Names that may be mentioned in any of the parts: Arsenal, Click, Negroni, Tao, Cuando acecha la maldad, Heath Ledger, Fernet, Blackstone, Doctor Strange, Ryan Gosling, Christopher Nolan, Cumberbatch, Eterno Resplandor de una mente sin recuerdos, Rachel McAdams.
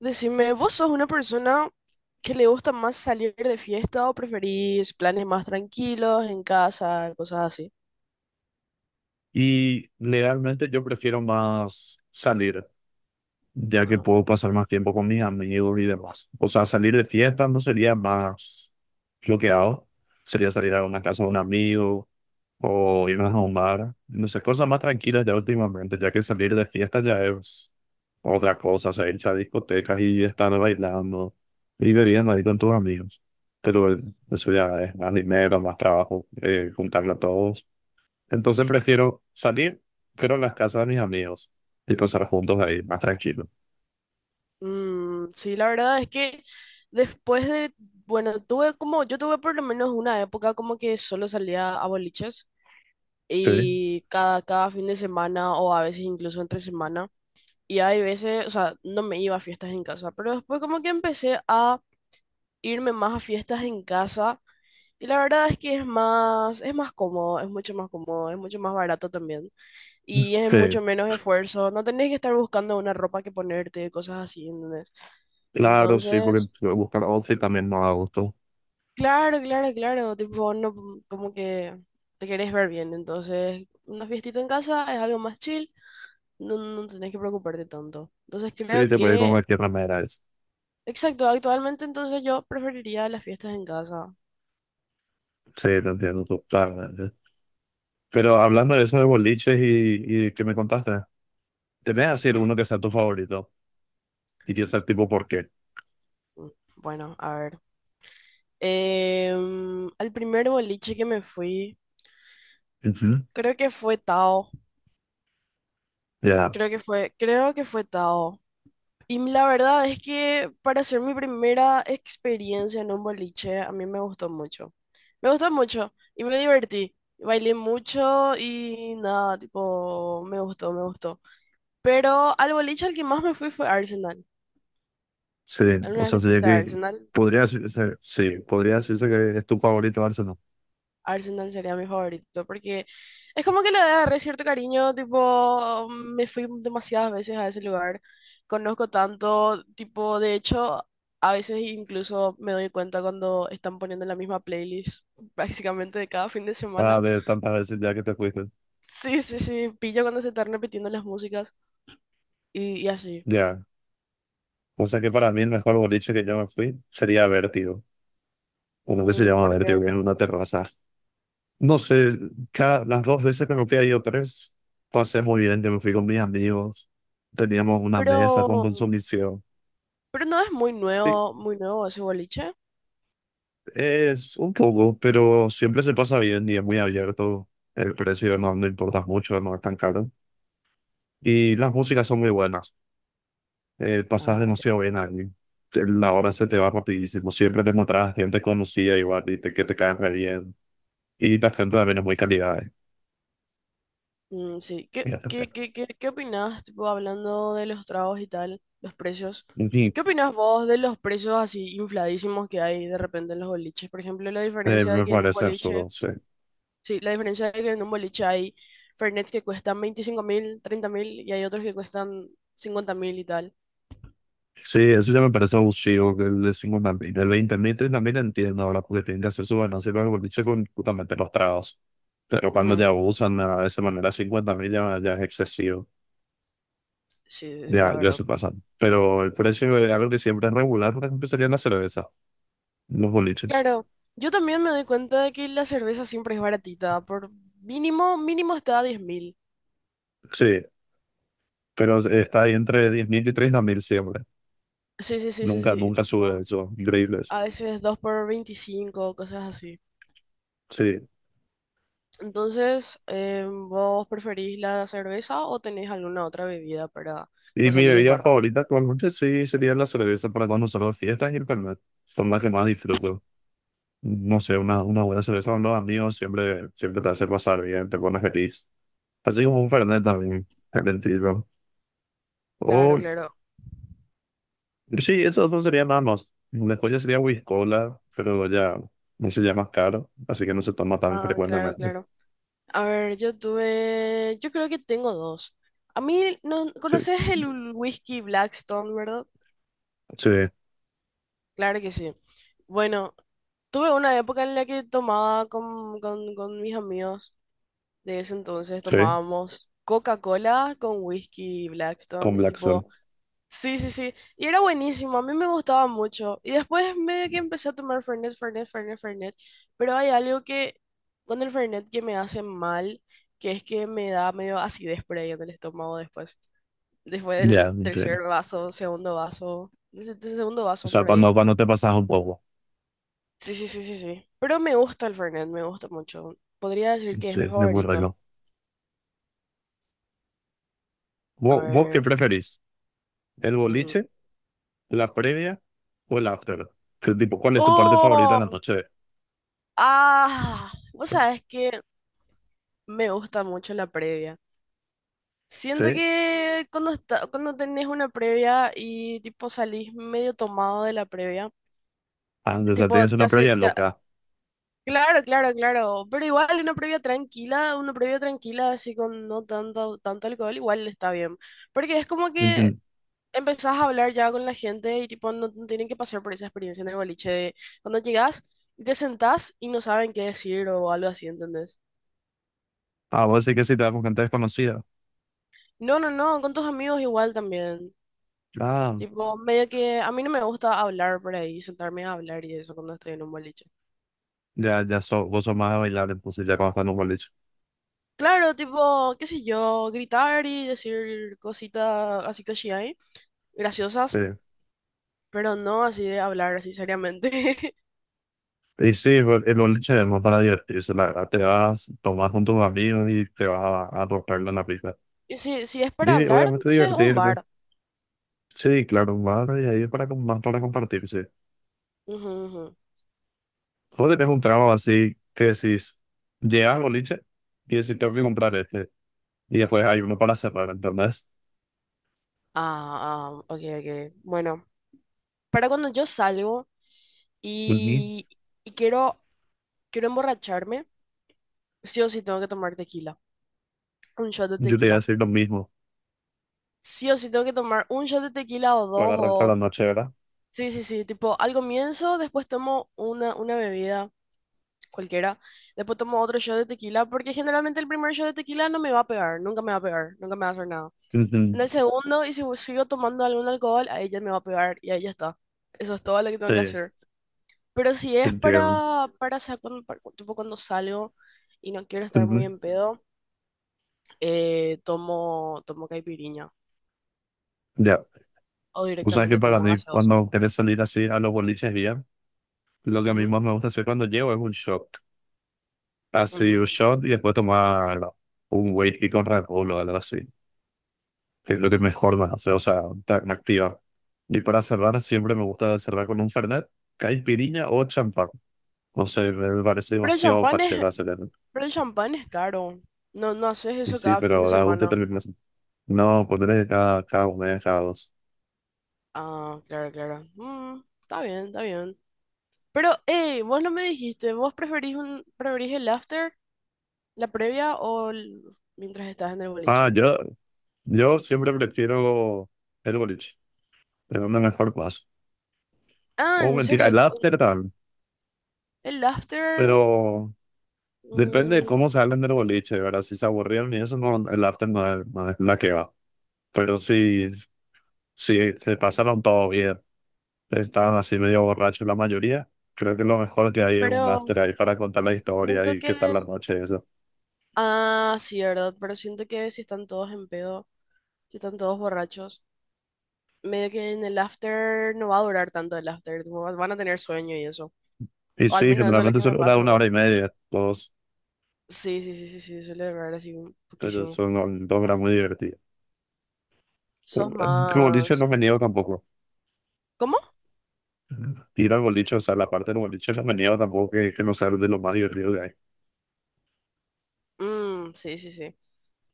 Decime, ¿vos sos una persona que le gusta más salir de fiesta o preferís planes más tranquilos en casa, cosas así? Y legalmente yo prefiero más salir, ya que Ajá. puedo pasar más tiempo con mis amigos y demás. O sea, salir de fiesta no sería más lo que hago. Sería salir a una casa de un amigo o irnos a un bar. No sé, cosas más tranquilas ya últimamente, ya que salir de fiesta ya es otra cosa. O sea, irse a discotecas y estar bailando y bebiendo ahí con tus amigos. Pero eso ya es más dinero, más trabajo, juntarlo a todos. Entonces prefiero salir, pero en las casas de mis amigos y pasar juntos ahí, más tranquilo. Mm, sí, la verdad es que después de, bueno, tuve como, yo tuve por lo menos una época como que solo salía a boliches Sí, y cada fin de semana o a veces incluso entre semana. Y hay veces, o sea, no me iba a fiestas en casa, pero después como que empecé a irme más a fiestas en casa. Y la verdad es que es más cómodo, es mucho más cómodo, es mucho más barato también. Y es sí. mucho menos esfuerzo. No tenés que estar buscando una ropa que ponerte, cosas así, ¿entendés? Claro, sí, porque Entonces, buscar outfit también no da gusto. claro, claro, claro. Tipo, no, como que te querés ver bien. Entonces, una fiestita en casa es algo más chill. No, no tenés que preocuparte tanto. Entonces, Sí, creo te puedes ir con que, cualquier remera. Exacto, actualmente entonces yo preferiría las fiestas en casa. Sí, te entiendo totalmente. Pero hablando de eso de boliches y que me contaste, te voy a decir uno que sea tu favorito y que sea tipo por qué. Mm, bueno, a ver. Al primer boliche que me fui. Ujú. Creo que fue Tao. Ya, Creo que fue Tao. Y la verdad es que para ser mi primera experiencia en un boliche, a mí me gustó mucho. Me gustó mucho y me divertí. Bailé mucho y nada, tipo, me gustó, me gustó. Pero al boliche al que más me fui fue Arsenal. sí, o ¿Alguna vez sea, te sería fuiste a que Arsenal? podría decirse, sí, podría decirse que es tu favorito Arsenal. Arsenal sería mi favorito, porque es como que le agarré cierto cariño, tipo, me fui demasiadas veces a ese lugar, conozco tanto, tipo, de hecho, a veces incluso me doy cuenta cuando están poniendo la misma playlist prácticamente de cada fin de Ah, semana. de tantas veces ya que te fuiste. Sí, sí, sí, pillo cuando se están repitiendo las músicas y así. Ya, o sea que para mí el mejor boliche que yo me fui sería Vértigo, uno que se Mm, llama ¿por qué? Vértigo, que es una terraza. No sé, las dos veces que me fui, he ido tres, pasé muy bien, yo me fui con mis amigos, teníamos una Pero, mesa con consumición. pero no es Sí, muy nuevo ese boliche. es un poco, pero siempre se pasa bien y es muy abierto, el precio no, no importa mucho, no es tan caro. Y las músicas son muy buenas, pasas Ah. demasiado bien ahí. La hora se te va rapidísimo, siempre te encontrás gente conocida igual y que te caen re bien. Y la gente también es muy cálida. eh, Mm, sí, ¿qué, y qué, frío. qué, qué, qué opinás, tipo, hablando de los tragos y tal, los precios? En fin, ¿Qué opinás vos de los precios así infladísimos que hay de repente en los boliches? Por ejemplo, la diferencia de me que en un parece boliche, absurdo, sí. sí, la diferencia de que en un boliche hay Fernet que cuestan 25.000, 30.000 y hay otros que cuestan 50.000 y tal. Sí, eso ya me parece abusivo que le decimos también. El 20.000 también entiendo ahora porque tienen que hacer su balance para el boliche con justamente los tragos. Pero cuando ya Ujú. abusan de esa manera, 50.000 ya, ya es excesivo. Sí, sí, sí, Ya, la ya verdad. se pasan. Pero el precio de algo que siempre es regular, por ejemplo, sería la cerveza, los boliches. Claro, yo también me doy cuenta de que la cerveza siempre es baratita, por mínimo, mínimo está a 10.000. Sí, pero está ahí entre 10.000 y 30 mil siempre. Sí, sí, sí, sí, Nunca, sí, nunca sube tipo, eso. Increíbles. a veces 2 por 25, cosas así. Sí. Entonces, ¿vos preferís la cerveza o tenés alguna otra bebida para no Y mi salir de bebida farra? favorita actualmente sí sería la cerveza para cuando salgo a fiestas y el Fernet. Son las que más disfruto. No sé, una buena cerveza con los amigos siempre, siempre te hace pasar bien, te pones feliz. Así como un Fernet también, excelente. Claro, O, claro. sí, esos dos serían nada más. Después ya sería whisky cola, pero ya ese ya es más caro, así que no se toma tan Ah, claro, frecuentemente. claro. A ver, yo tuve, yo creo que tengo dos. A mí, ¿no Sí, conoces el whisky Blackstone, verdad? sí, Claro que sí. Bueno, tuve una época en la que tomaba con mis amigos de ese entonces, sí, tomábamos Coca-Cola con whisky con Blackstone y Black Sun. tipo... Sí, sí, sí. Y era buenísimo, a mí me gustaba mucho. Y después medio que empecé a tomar Fernet, Fernet, Fernet, Fernet. Pero hay algo que con el Fernet que me hace mal, que es que me da medio acidez por ahí en el estómago después. Después Ya, del sí. tercer vaso, segundo vaso, desde segundo O vaso sea, por ahí. cuando te pasas un poco. Sí, sí, sí, sí, sí. Pero me gusta el Fernet, me gusta mucho. Podría decir que es Sí, mi es muy favorito. rico. A ¿Vos qué ver. preferís? ¿El Ujú. boliche, la previa o el after? Que, tipo, ¿cuál es tu parte favorita en la ¡Oh! noche? ¡Ah! Vos sabés que me gusta mucho la previa. Siento Sí. que cuando está, cuando tenés una previa y tipo salís medio tomado de la previa, Ah, o sea, tipo tienes una ya previa sé, ya, loca. claro, claro, claro, pero igual una previa tranquila así con no tanto, tanto alcohol, igual está bien, porque es como que Ujú. empezás a hablar ya con la gente y tipo no, no tienen que pasar por esa experiencia en el boliche de cuando llegás y te sentás y no saben qué decir o algo así, ¿entendés? Ah, vos sí que sí te vas con gente desconocida. No, no, no, con tus amigos igual también. Ah, Tipo, medio que a mí no me gusta hablar por ahí, sentarme a hablar y eso cuando estoy en un boliche. ya, ya vos sos más de bailar, entonces ya cuando estás en un boliche. Claro, tipo, qué sé yo, gritar y decir cositas así que sí hay, Sí. graciosas, pero no así de hablar así seriamente. Y sí, el boliche es más para divertirse, la verdad. Te vas, tomás con tus amigos y te vas a romperla en la pista. Y si, si es para Y hablar, obviamente entonces un divertirte. bar. Sí, claro, más y ahí es para, más para compartirse. Ujú, ujú. Vos tenés un trabajo así que decís, llegas al boliche y decís, tengo que comprar este. Y después hay uno para cerrar, ¿entendés? Ah, ah, ok, ok. Bueno, para cuando yo salgo Ujú. y, y quiero emborracharme, sí o sí tengo que tomar tequila, un shot de Yo te iba a tequila. decir lo mismo Sí o sí tengo que tomar un shot de tequila o para dos arrancar o... la noche, ¿verdad? Sí, sí, sí, tipo, al comienzo, después tomo una bebida cualquiera, después tomo otro shot de tequila, porque generalmente el primer shot de tequila no me va a pegar, nunca me va a pegar, nunca me va a hacer nada. Ujú. En el segundo, y si sigo tomando algún alcohol, ahí ya me va a pegar y ahí ya está. Eso es todo lo que tengo que Sí, hacer. Pero si es entiendo. para tipo, cuando salgo y no quiero estar muy Ujú. en pedo, tomo caipirinha Ya. o O sea, que directamente para tomo mí, gaseosa. cuando querés salir así a los boliches bien, lo que a mí Ujú, más me gusta hacer cuando llego es un shot. Así, ujú. un shot y después tomar un whisky con Red Bull o algo así. Es lo que mejor me hace, o sea, tan activa. Y para cerrar, siempre me gusta cerrar con un Fernet, caipirinha o champán. No sé, me parece Pero el demasiado champán es pacheco hacer eso. Pero el champán es caro. No, no haces Y eso sí, cada fin de pero da gusto semana. terminar así. No, ponerle cada uno, cada dos. Ah, claro, claro. Mm, está bien, está bien. Pero, hey, vos no me dijiste, ¿vos preferís el after, la previa o mientras estás en el Ah, boliche? yo siempre prefiero el boliche. Es una mejor paso. Ah, O en mentira, serio, el after también. el after, Pero depende de mm, cómo salen del boliche, ¿verdad? Si se aburrieron y eso, no, el after no es, no es la que va. Pero sí, sí, se pasaron todo bien. Estaban así medio borrachos la mayoría. Creo que lo mejor que hay es un pero after ahí para contar la historia siento y que... qué tal la noche, eso. Ah, sí, ¿verdad? Pero siento que si están todos en pedo, si están todos borrachos, medio que en el after no va a durar tanto el after, tipo, van a tener sueño y eso. Y O al sí, menos eso es lo generalmente que me solo dura pasa a una mí. hora y media. Todos, Sí, sí, sí, sí, sí, suele errar así un ellos poquísimo. son 2 horas muy divertidas. Pero, Sos el boliche no más... me niego tampoco. ¿Cómo? Ir al boliche, o sea, la parte del boliche no me niego tampoco, que no sea de lo más divertido que hay. Mm, sí, sí, sí.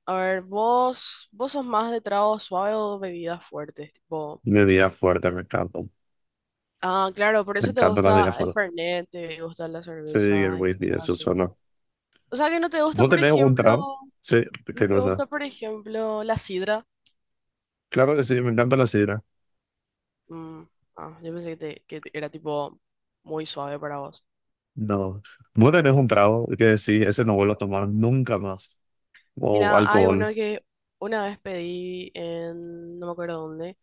A ver, vos sos más de trago suave o bebidas fuertes, tipo... Bebida fuerte, me encanta. Ah, claro, por Me eso te encanta la bebida gusta el fuerte. Fernet, te gusta la Sí, el cerveza y whisky, cosas eso así. solo. O sea que no te gusta, ¿No por tenés un ejemplo, trago? Sí, no qué te cosa. gusta, por ejemplo, la sidra. Claro que sí, me encanta la sidra. Mm, ah, yo pensé que era tipo muy suave para vos. No. Mueren es un trago, que sí, ese no vuelvo a tomar nunca más. O Mira, hay uno alcohol. que una vez pedí en, no me acuerdo dónde,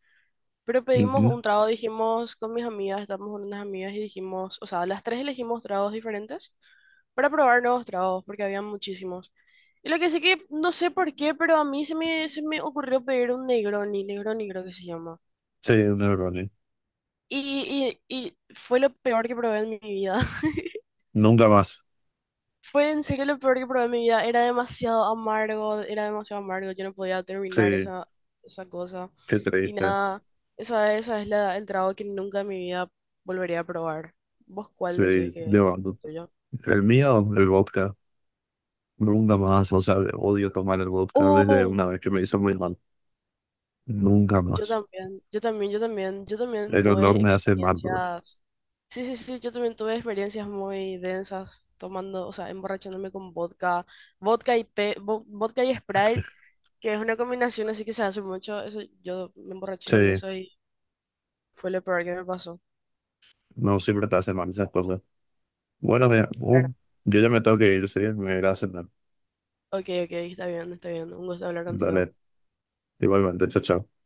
pero pedimos Ujú. un trago, dijimos con mis amigas, estábamos con unas amigas y dijimos, o sea, las tres elegimos tragos diferentes para probar nuevos tragos, porque había muchísimos. Y lo que sí que, no sé por qué, pero a mí se me ocurrió pedir un Negroni, Negroni creo que se llama. Sí, neurones. Y fue lo peor que probé en mi vida. Nunca más. Fue en serio lo peor que probé en mi vida. Era demasiado amargo, era demasiado amargo. Yo no podía terminar Sí, esa cosa. qué Y triste. nada, esa es el trago que nunca en mi vida volvería a probar. ¿Vos cuál Sí, decís que es de verdad. el tuyo? El mío, el vodka. Nunca más. O sea, odio tomar el vodka desde Oh. una vez que me hizo muy mal. Nunca Yo más. también, yo también, yo también, yo también El olor tuve me hace mal, bro. experiencias. Sí, sí, sí, yo también tuve experiencias muy densas tomando, o sea, emborrachándome con vodka y Sprite que es una combinación así que se hace mucho. Eso, yo me emborraché con Sí, eso y fue lo peor que me pasó. no siempre te hace mal esas cosas. Bueno, mira, Claro. Yo ya me tengo que ir, sí, me iré a cenar. Ok, ok, está bien, está bien. Un gusto hablar contigo. Dale, igualmente, chao, chao.